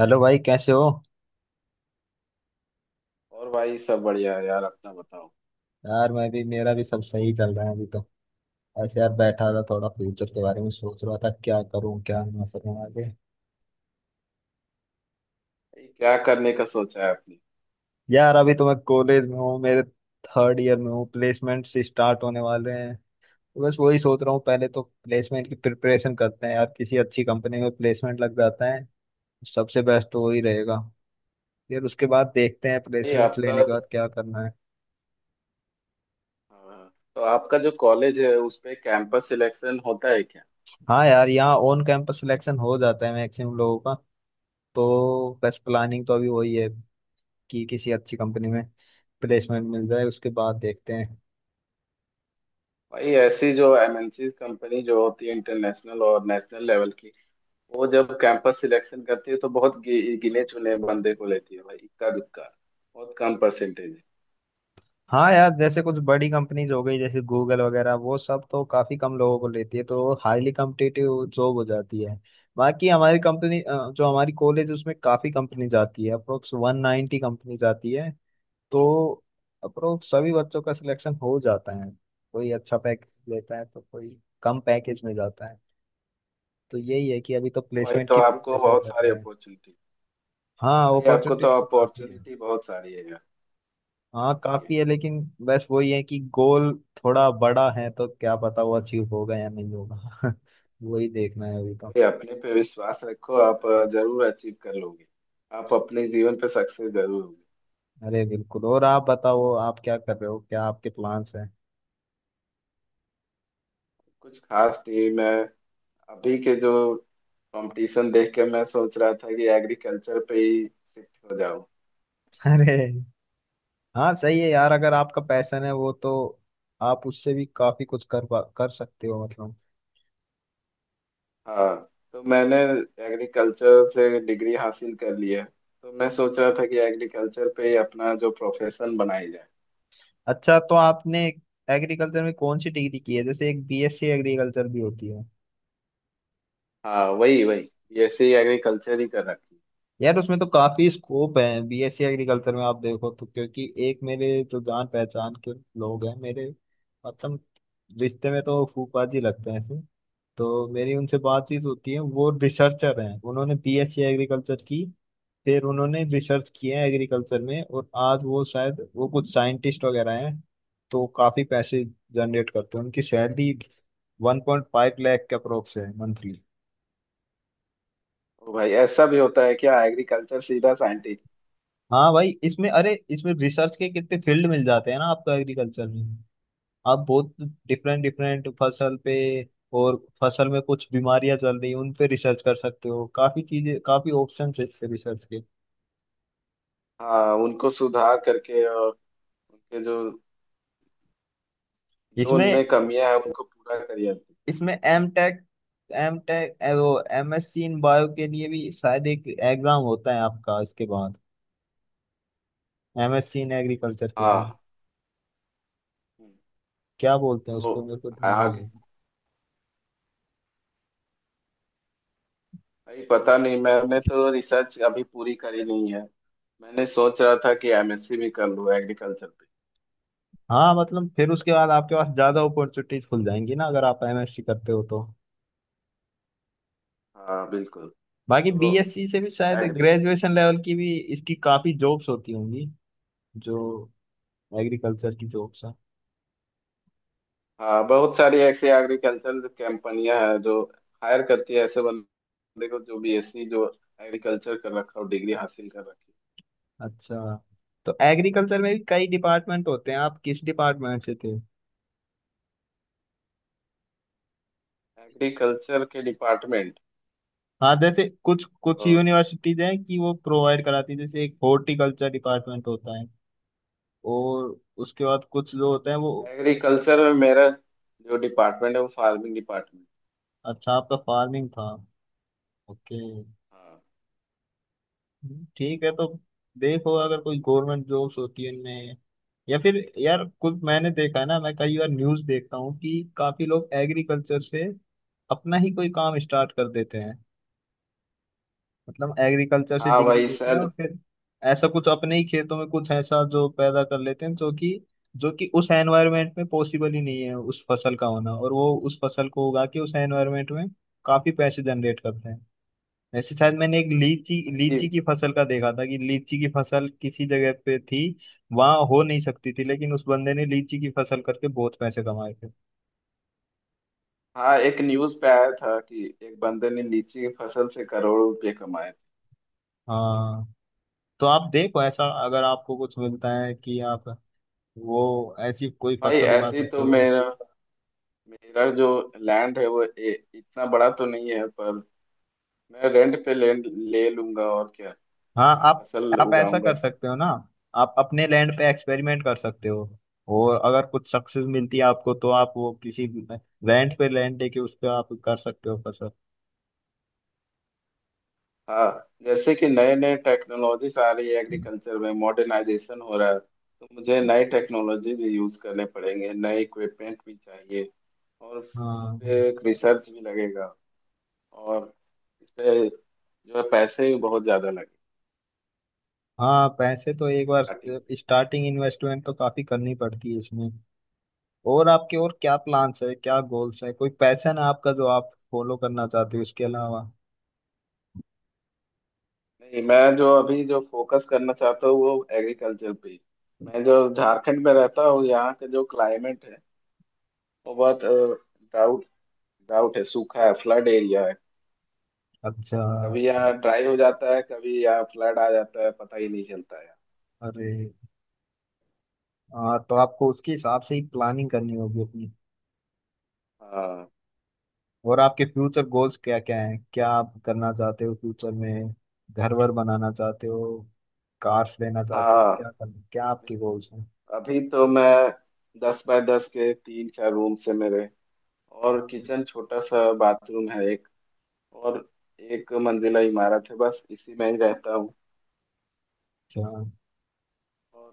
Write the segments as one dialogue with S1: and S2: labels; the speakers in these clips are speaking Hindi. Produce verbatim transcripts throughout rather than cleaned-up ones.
S1: हेलो भाई कैसे हो?
S2: और भाई सब बढ़िया है यार अपना बताओ।
S1: यार मैं भी मेरा भी सब सही चल रहा है अभी तो। ऐसे यार बैठा था थोड़ा फ्यूचर के बारे में सोच रहा था क्या करूं क्या ना करूं आगे।
S2: भाई क्या करने का सोचा है आपने?
S1: यार अभी तो मैं कॉलेज में हूँ मेरे थर्ड ईयर में हूँ। प्लेसमेंट्स स्टार्ट होने वाले हैं। तो बस वही सोच रहा हूँ पहले तो प्लेसमेंट की प्रिपरेशन करते हैं यार, किसी अच्छी कंपनी में प्लेसमेंट लग जाता है सबसे बेस्ट तो वही रहेगा। फिर उसके बाद देखते हैं
S2: भाई
S1: प्लेसमेंट
S2: आपका
S1: लेने के बाद क्या करना है।
S2: हाँ, तो आपका जो कॉलेज है उसमें कैंपस सिलेक्शन होता है क्या?
S1: हाँ यार, यहाँ ऑन कैंपस सिलेक्शन हो जाता है मैक्सिमम लोगों का। तो बस प्लानिंग तो अभी वही है कि किसी अच्छी कंपनी में प्लेसमेंट मिल जाए, उसके बाद देखते हैं।
S2: भाई ऐसी जो एमएनसी कंपनी जो होती है इंटरनेशनल और नेशनल लेवल की, वो जब कैंपस सिलेक्शन करती है तो बहुत गि, गिने चुने बंदे को लेती है भाई, इक्का दुक्का। बहुत कम परसेंटेज है।
S1: हाँ यार, जैसे कुछ बड़ी कंपनीज हो गई जैसे गूगल वगैरह, वो सब तो काफी कम लोगों को लेती है तो हाईली कम्पिटिटिव जॉब हो जाती है। बाकी हमारी कंपनी अ, जो हमारी कॉलेज उसमें काफी कंपनी जाती है, अप्रोक्स वन नाइन्टी कंपनी जाती है। तो अप्रोक्स सभी बच्चों का सिलेक्शन हो जाता है। कोई अच्छा पैकेज लेता है तो कोई कम पैकेज में जाता है। तो यही है कि अभी तो
S2: भाई
S1: प्लेसमेंट
S2: तो
S1: की
S2: आपको
S1: प्रिपरेशन
S2: बहुत
S1: कर
S2: सारी
S1: रहे हैं।
S2: अपॉर्चुनिटी।
S1: हाँ,
S2: भाई आपको तो
S1: अपॉर्चुनिटीज तो काफी है।
S2: अपॉर्चुनिटी बहुत सारी है यार।
S1: हाँ
S2: काफी
S1: काफी
S2: है।
S1: है, लेकिन बस वही है कि गोल थोड़ा बड़ा है तो क्या पता वो अचीव होगा या नहीं होगा। वही देखना है अभी तो।
S2: अरे अपने पे विश्वास रखो। आप अ, जरूर अचीव कर लोगे। आप अपने जीवन पे सक्सेस जरूर होगे।
S1: अरे बिल्कुल, और आप बताओ आप क्या कर रहे हो, क्या आपके प्लान्स हैं?
S2: कुछ खास नहीं। मैं अभी के जो कंपटीशन देख के मैं सोच रहा था कि एग्रीकल्चर पे ही शिफ्ट हो जाऊं।
S1: अरे हाँ सही है यार, अगर आपका पैशन है वो तो आप उससे भी काफी कुछ कर पा- कर सकते हो मतलब।
S2: हाँ, तो मैंने एग्रीकल्चर से डिग्री हासिल कर ली है। तो मैं सोच रहा था कि एग्रीकल्चर पे ही अपना जो प्रोफेशन बनाई जाए।
S1: अच्छा, तो आपने एग्रीकल्चर में कौन सी डिग्री की है? जैसे एक बीएससी एग्रीकल्चर भी होती है।
S2: हाँ, वही वही बीएससी एग्रीकल्चर ही कर रखी
S1: यार उसमें तो काफी स्कोप है, बीएससी एग्रीकल्चर में आप देखो तो, क्योंकि एक मेरे जो जान पहचान के लोग हैं मेरे, मतलब रिश्ते में तो फूफा जी लगते हैं ऐसे। तो मेरी उनसे बातचीत होती है, वो रिसर्चर हैं, उन्होंने बीएससी एग्रीकल्चर की। फिर उन्होंने रिसर्च किया है एग्रीकल्चर में और आज वो शायद वो कुछ साइंटिस्ट वगैरह हैं। तो काफी पैसे जनरेट करते हैं, उनकी salary one point five lakh के अप्रोक्स है मंथली।
S2: है। ओ भाई ऐसा भी होता है क्या, एग्रीकल्चर सीधा साइंटिस्ट?
S1: हाँ भाई इसमें, अरे इसमें रिसर्च के कितने फील्ड मिल जाते हैं ना आपको एग्रीकल्चर में। आप बहुत डिफरेंट डिफरेंट फसल पे और फसल में कुछ बीमारियां चल रही हैं उन पे रिसर्च कर सकते हो, काफी चीजें काफी ऑप्शन है इससे रिसर्च के।
S2: हाँ, उनको सुधार करके, और उनके जो जो
S1: इसमें
S2: उनमें कमियां है उनको पूरा करिए।
S1: इसमें एम टेक एम टेक वो, MSc in bio के लिए भी शायद एक एग्जाम होता है आपका इसके बाद, MSc in agriculture के लिए।
S2: हाँ। हम्म,
S1: क्या बोलते हैं
S2: तो
S1: उसको मेरे को ध्यान नहीं
S2: आगे।
S1: है।
S2: भाई पता नहीं, मैंने तो रिसर्च अभी पूरी करी नहीं है। मैंने सोच रहा था कि एमएससी भी कर लूँ एग्रीकल्चर पे।
S1: हाँ मतलब फिर उसके बाद आपके पास ज्यादा अपॉर्चुनिटीज खुल जाएंगी ना, अगर आप एम एस सी करते हो तो।
S2: हाँ बिल्कुल।
S1: बाकी
S2: तो
S1: बीएससी से भी शायद
S2: एग्री
S1: ग्रेजुएशन लेवल की भी इसकी काफी जॉब्स होती होंगी, जो एग्रीकल्चर की जॉब्स हैं।
S2: हाँ, बहुत सारी ऐसी एग्रीकल्चर कंपनियां हैं जो हायर करती है ऐसे बंदे को जो बीएससी, जो एग्रीकल्चर कर रखा हो, डिग्री हासिल कर रखी
S1: अच्छा, तो एग्रीकल्चर में भी कई डिपार्टमेंट होते हैं, आप किस डिपार्टमेंट से थे?
S2: है। एग्रीकल्चर के डिपार्टमेंट।
S1: हाँ जैसे कुछ कुछ यूनिवर्सिटीज हैं कि वो प्रोवाइड कराती है, जैसे एक हॉर्टिकल्चर डिपार्टमेंट होता है और उसके बाद कुछ जो होते हैं वो।
S2: एग्रीकल्चर में मेरा जो डिपार्टमेंट है वो फार्मिंग डिपार्टमेंट।
S1: अच्छा, आपका फार्मिंग था। ओके
S2: हाँ।
S1: ठीक है। तो देखो, अगर कोई गवर्नमेंट जॉब्स होती है उनमें, या फिर यार कुछ मैंने देखा है ना, मैं कई बार न्यूज देखता हूँ कि काफी लोग एग्रीकल्चर से अपना ही कोई काम स्टार्ट कर देते हैं। मतलब एग्रीकल्चर से
S2: हाँ
S1: डिग्री
S2: भाई
S1: लेते हैं
S2: सर।
S1: और फिर ऐसा कुछ अपने ही खेतों में कुछ ऐसा जो पैदा कर लेते हैं जो कि जो कि उस एनवायरनमेंट में पॉसिबल ही नहीं है उस फसल का होना, और वो उस फसल को उगा के उस एनवायरनमेंट में काफी पैसे जनरेट करते हैं। वैसे शायद मैंने एक लीची
S2: भाई।
S1: लीची की फसल का देखा था कि लीची की फसल किसी जगह पे थी, वहां हो नहीं सकती थी, लेकिन उस बंदे ने लीची की फसल करके बहुत पैसे कमाए थे।
S2: हाँ। एक न्यूज़ पे आया था कि एक बंदे ने लीची की फसल से करोड़ों रुपए कमाए थे।
S1: हाँ, तो आप देखो, ऐसा अगर आपको कुछ मिलता है कि आप वो ऐसी कोई
S2: भाई
S1: फसल उगा
S2: ऐसे ही
S1: सकते
S2: तो
S1: हो।
S2: मेरा मेरा जो लैंड है वो ए, इतना बड़ा तो नहीं है, पर मैं रेंट पे लैंड ले लूंगा, और क्या,
S1: हाँ
S2: मैं
S1: आप
S2: फसल
S1: आप ऐसा
S2: उगाऊंगा।
S1: कर सकते हो ना। आप अपने लैंड पे एक्सपेरिमेंट कर सकते हो, और अगर कुछ सक्सेस मिलती है आपको तो आप वो किसी रेंट पे लैंड लेके उस पे आप कर सकते हो फसल।
S2: हाँ, जैसे कि नए नए टेक्नोलॉजीज आ रही है, एग्रीकल्चर में मॉडर्नाइजेशन हो रहा है, तो मुझे नई टेक्नोलॉजी भी यूज करने पड़ेंगे, नए इक्विपमेंट भी चाहिए, और इस
S1: हाँ,
S2: पे एक रिसर्च भी लगेगा, और इस पे जो है पैसे भी बहुत ज्यादा लगे
S1: हाँ, पैसे तो एक बार
S2: स्टार्टिंग में।
S1: स्टार्टिंग इन्वेस्टमेंट तो काफी करनी पड़ती है इसमें। और आपके और क्या प्लान्स है, क्या गोल्स है, कोई पैशन है आपका जो आप फॉलो करना चाहते हो इसके अलावा?
S2: नहीं, मैं जो अभी जो फोकस करना चाहता हूँ वो एग्रीकल्चर पे ही। मैं जो झारखंड में रहता हूँ, यहाँ का जो क्लाइमेट है वो बहुत ड्राउट ड्राउट है, सूखा है, फ्लड एरिया है।
S1: अच्छा।
S2: कभी यहाँ ड्राई हो जाता है, कभी यहाँ फ्लड आ जाता है, पता ही नहीं चलता है।
S1: अरे हाँ, तो आपको उसके हिसाब से ही प्लानिंग करनी होगी अपनी।
S2: हाँ।
S1: और आपके फ्यूचर गोल्स क्या क्या हैं, क्या आप करना चाहते हो फ्यूचर में? घर वर बनाना चाहते हो, कार्स लेना चाहते हो,
S2: हाँ
S1: क्या करना, क्या आपके गोल्स हैं?
S2: बिल्कुल। अभी तो मैं दस बाय दस के तीन चार रूम से मेरे, और किचन, छोटा सा बाथरूम है एक, और एक मंजिला इमारत है, बस इसी में ही रहता हूँ।
S1: अच्छा,
S2: और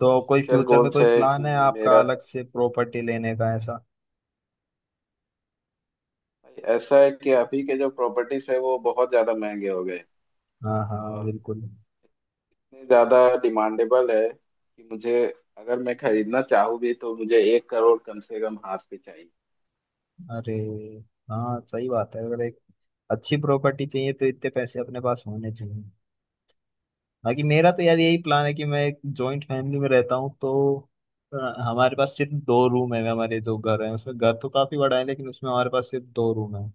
S1: तो कोई
S2: फ्यूचर
S1: फ्यूचर में
S2: गोल्स
S1: कोई
S2: है कि
S1: प्लान है आपका
S2: मेरा,
S1: अलग से प्रॉपर्टी लेने का ऐसा?
S2: भाई ऐसा है कि अभी के जो प्रॉपर्टीज है वो बहुत ज़्यादा महंगे हो गए,
S1: हाँ, हाँ,
S2: और
S1: बिल्कुल।
S2: इतने ज़्यादा डिमांडेबल है कि मुझे, अगर मैं खरीदना चाहूँ भी तो मुझे एक करोड़ कम से कम हाथ पे चाहिए।
S1: अरे हाँ सही बात है, अगर एक अच्छी प्रॉपर्टी चाहिए तो इतने पैसे अपने पास होने चाहिए। बाकी मेरा तो यार यही प्लान है कि मैं एक जॉइंट फैमिली में रहता हूँ तो अ, हमारे पास सिर्फ दो रूम है। हमारे जो घर है उसमें, घर तो काफी बड़ा है लेकिन उसमें हमारे पास सिर्फ दो रूम है।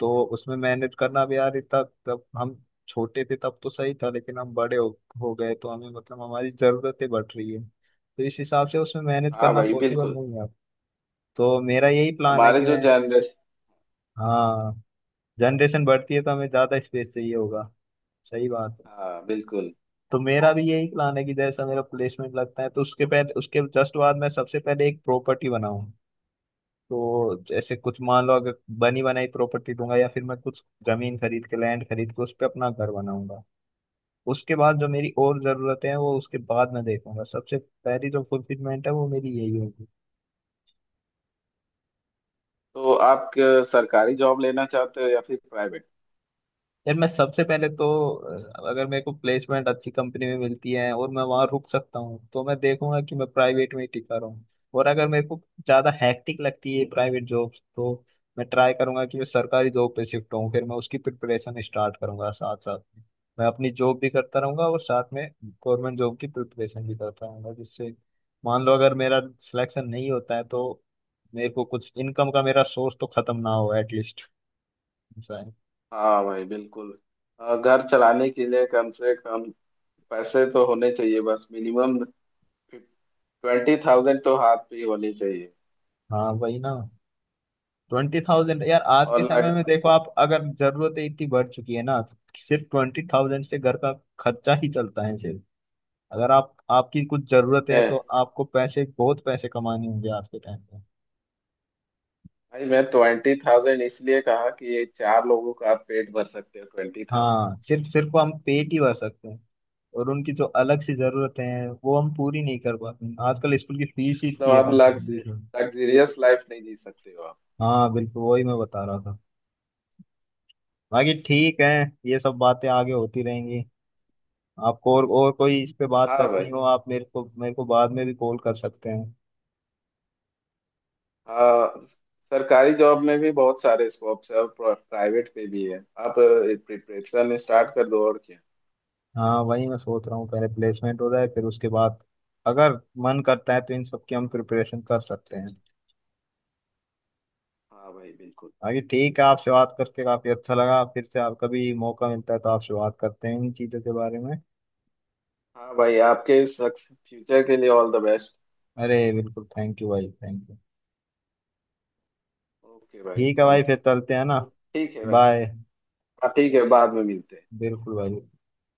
S1: तो उसमें मैनेज करना भी यार इतना, तब हम छोटे थे तब तो सही था, लेकिन हम बड़े हो, हो गए तो हमें, मतलब हमारी जरूरतें बढ़ रही है तो इस हिसाब से उसमें मैनेज
S2: हाँ
S1: करना
S2: भाई
S1: पॉसिबल
S2: बिल्कुल।
S1: नहीं है। तो मेरा यही प्लान है
S2: हमारे
S1: कि
S2: जो
S1: मैं,
S2: जनरेशन।
S1: हाँ, जनरेशन बढ़ती है तो हमें ज्यादा स्पेस चाहिए होगा। सही बात है।
S2: हाँ बिल्कुल।
S1: तो मेरा भी यही प्लान है कि जैसा मेरा प्लेसमेंट लगता है तो उसके पहले, उसके जस्ट बाद मैं सबसे पहले एक प्रॉपर्टी बनाऊं। तो जैसे कुछ मान लो, अगर बनी बनाई प्रॉपर्टी दूंगा या फिर मैं कुछ जमीन खरीद के, लैंड खरीद के उस पर अपना घर बनाऊंगा। उसके बाद जो मेरी और जरूरतें हैं वो उसके बाद मैं देखूंगा, सबसे पहली जो फुलफिलमेंट है वो मेरी यही होगी।
S2: तो आप क- सरकारी जॉब लेना चाहते हो या फिर प्राइवेट?
S1: यार मैं सबसे पहले तो अ, अगर मेरे को प्लेसमेंट अच्छी कंपनी में मिलती है और मैं वहां रुक सकता हूँ तो मैं देखूंगा कि मैं प्राइवेट में ही टिका रहूं। और अगर मेरे को ज्यादा हैक्टिक लगती है प्राइवेट जॉब, तो मैं ट्राई करूंगा कि मैं सरकारी जॉब पे शिफ्ट हूँ, फिर मैं उसकी प्रिपरेशन स्टार्ट करूंगा साथ साथ में। मैं अपनी जॉब भी करता रहूंगा और साथ में गवर्नमेंट जॉब की प्रिपरेशन भी करता रहूंगा, जिससे मान लो अगर मेरा सिलेक्शन नहीं होता है तो मेरे को कुछ, इनकम का मेरा सोर्स तो खत्म ना हो एटलीस्ट।
S2: हाँ भाई बिल्कुल। अ, घर चलाने के लिए कम से कम पैसे तो होने चाहिए बस, मिनिमम ट्वेंटी थाउजेंड तो हाथ पे ही होने चाहिए।
S1: हाँ वही ना, ट्वेंटी थाउजेंड, यार आज
S2: और
S1: के समय में
S2: लग
S1: देखो आप, अगर जरूरतें इतनी बढ़ चुकी है ना, सिर्फ ट्वेंटी थाउजेंड से घर का खर्चा ही चलता है सिर्फ। अगर आप, आपकी कुछ जरूरतें हैं तो
S2: मैं,
S1: आपको पैसे, बहुत पैसे कमाने होंगे आज के टाइम पे।
S2: भाई, मैं ट्वेंटी थाउजेंड इसलिए कहा कि ये चार लोगों का आप पेट भर सकते हो ट्वेंटी थाउजेंड।
S1: हाँ सिर्फ सिर्फ हम पेट ही भर सकते हैं, और उनकी जो अलग सी जरूरतें हैं वो हम पूरी नहीं कर पाते हैं। आजकल स्कूल की फीस ही
S2: मतलब
S1: इतनी है
S2: आप
S1: कम से कम
S2: लग्ज
S1: बीस हज़ार।
S2: लग्जरियस लाइफ नहीं जी सकते हो आप।
S1: हाँ बिल्कुल, वही मैं बता रहा था। बाकी ठीक है, ये सब बातें आगे होती रहेंगी। आपको और और कोई इस पे बात
S2: हाँ भाई।
S1: करनी हो आप मेरे को मेरे को बाद में भी कॉल कर सकते हैं।
S2: हाँ। सरकारी जॉब में भी बहुत सारे स्कोप्स है, और प्राइवेट पे भी है, आप प्रिपरेशन स्टार्ट कर दो, और क्या।
S1: हाँ वही मैं सोच रहा हूँ, पहले प्लेसमेंट हो जाए फिर उसके बाद अगर मन करता है तो इन सब की हम प्रिपरेशन कर सकते हैं।
S2: हाँ भाई बिल्कुल।
S1: बाकी ठीक है, आपसे बात करके काफी अच्छा लगा, फिर से आप कभी मौका मिलता है तो आपसे बात करते हैं इन चीजों के बारे में।
S2: हाँ भाई, आपके इस फ्यूचर के लिए ऑल द बेस्ट।
S1: अरे बिल्कुल, थैंक यू भाई, थैंक यू।
S2: ओके भाई
S1: ठीक है भाई,
S2: थैंक यू।
S1: फिर चलते हैं ना।
S2: तो ठीक है भाई।
S1: बाय।
S2: हाँ ठीक है, बाद में मिलते हैं।
S1: बिल्कुल भाई।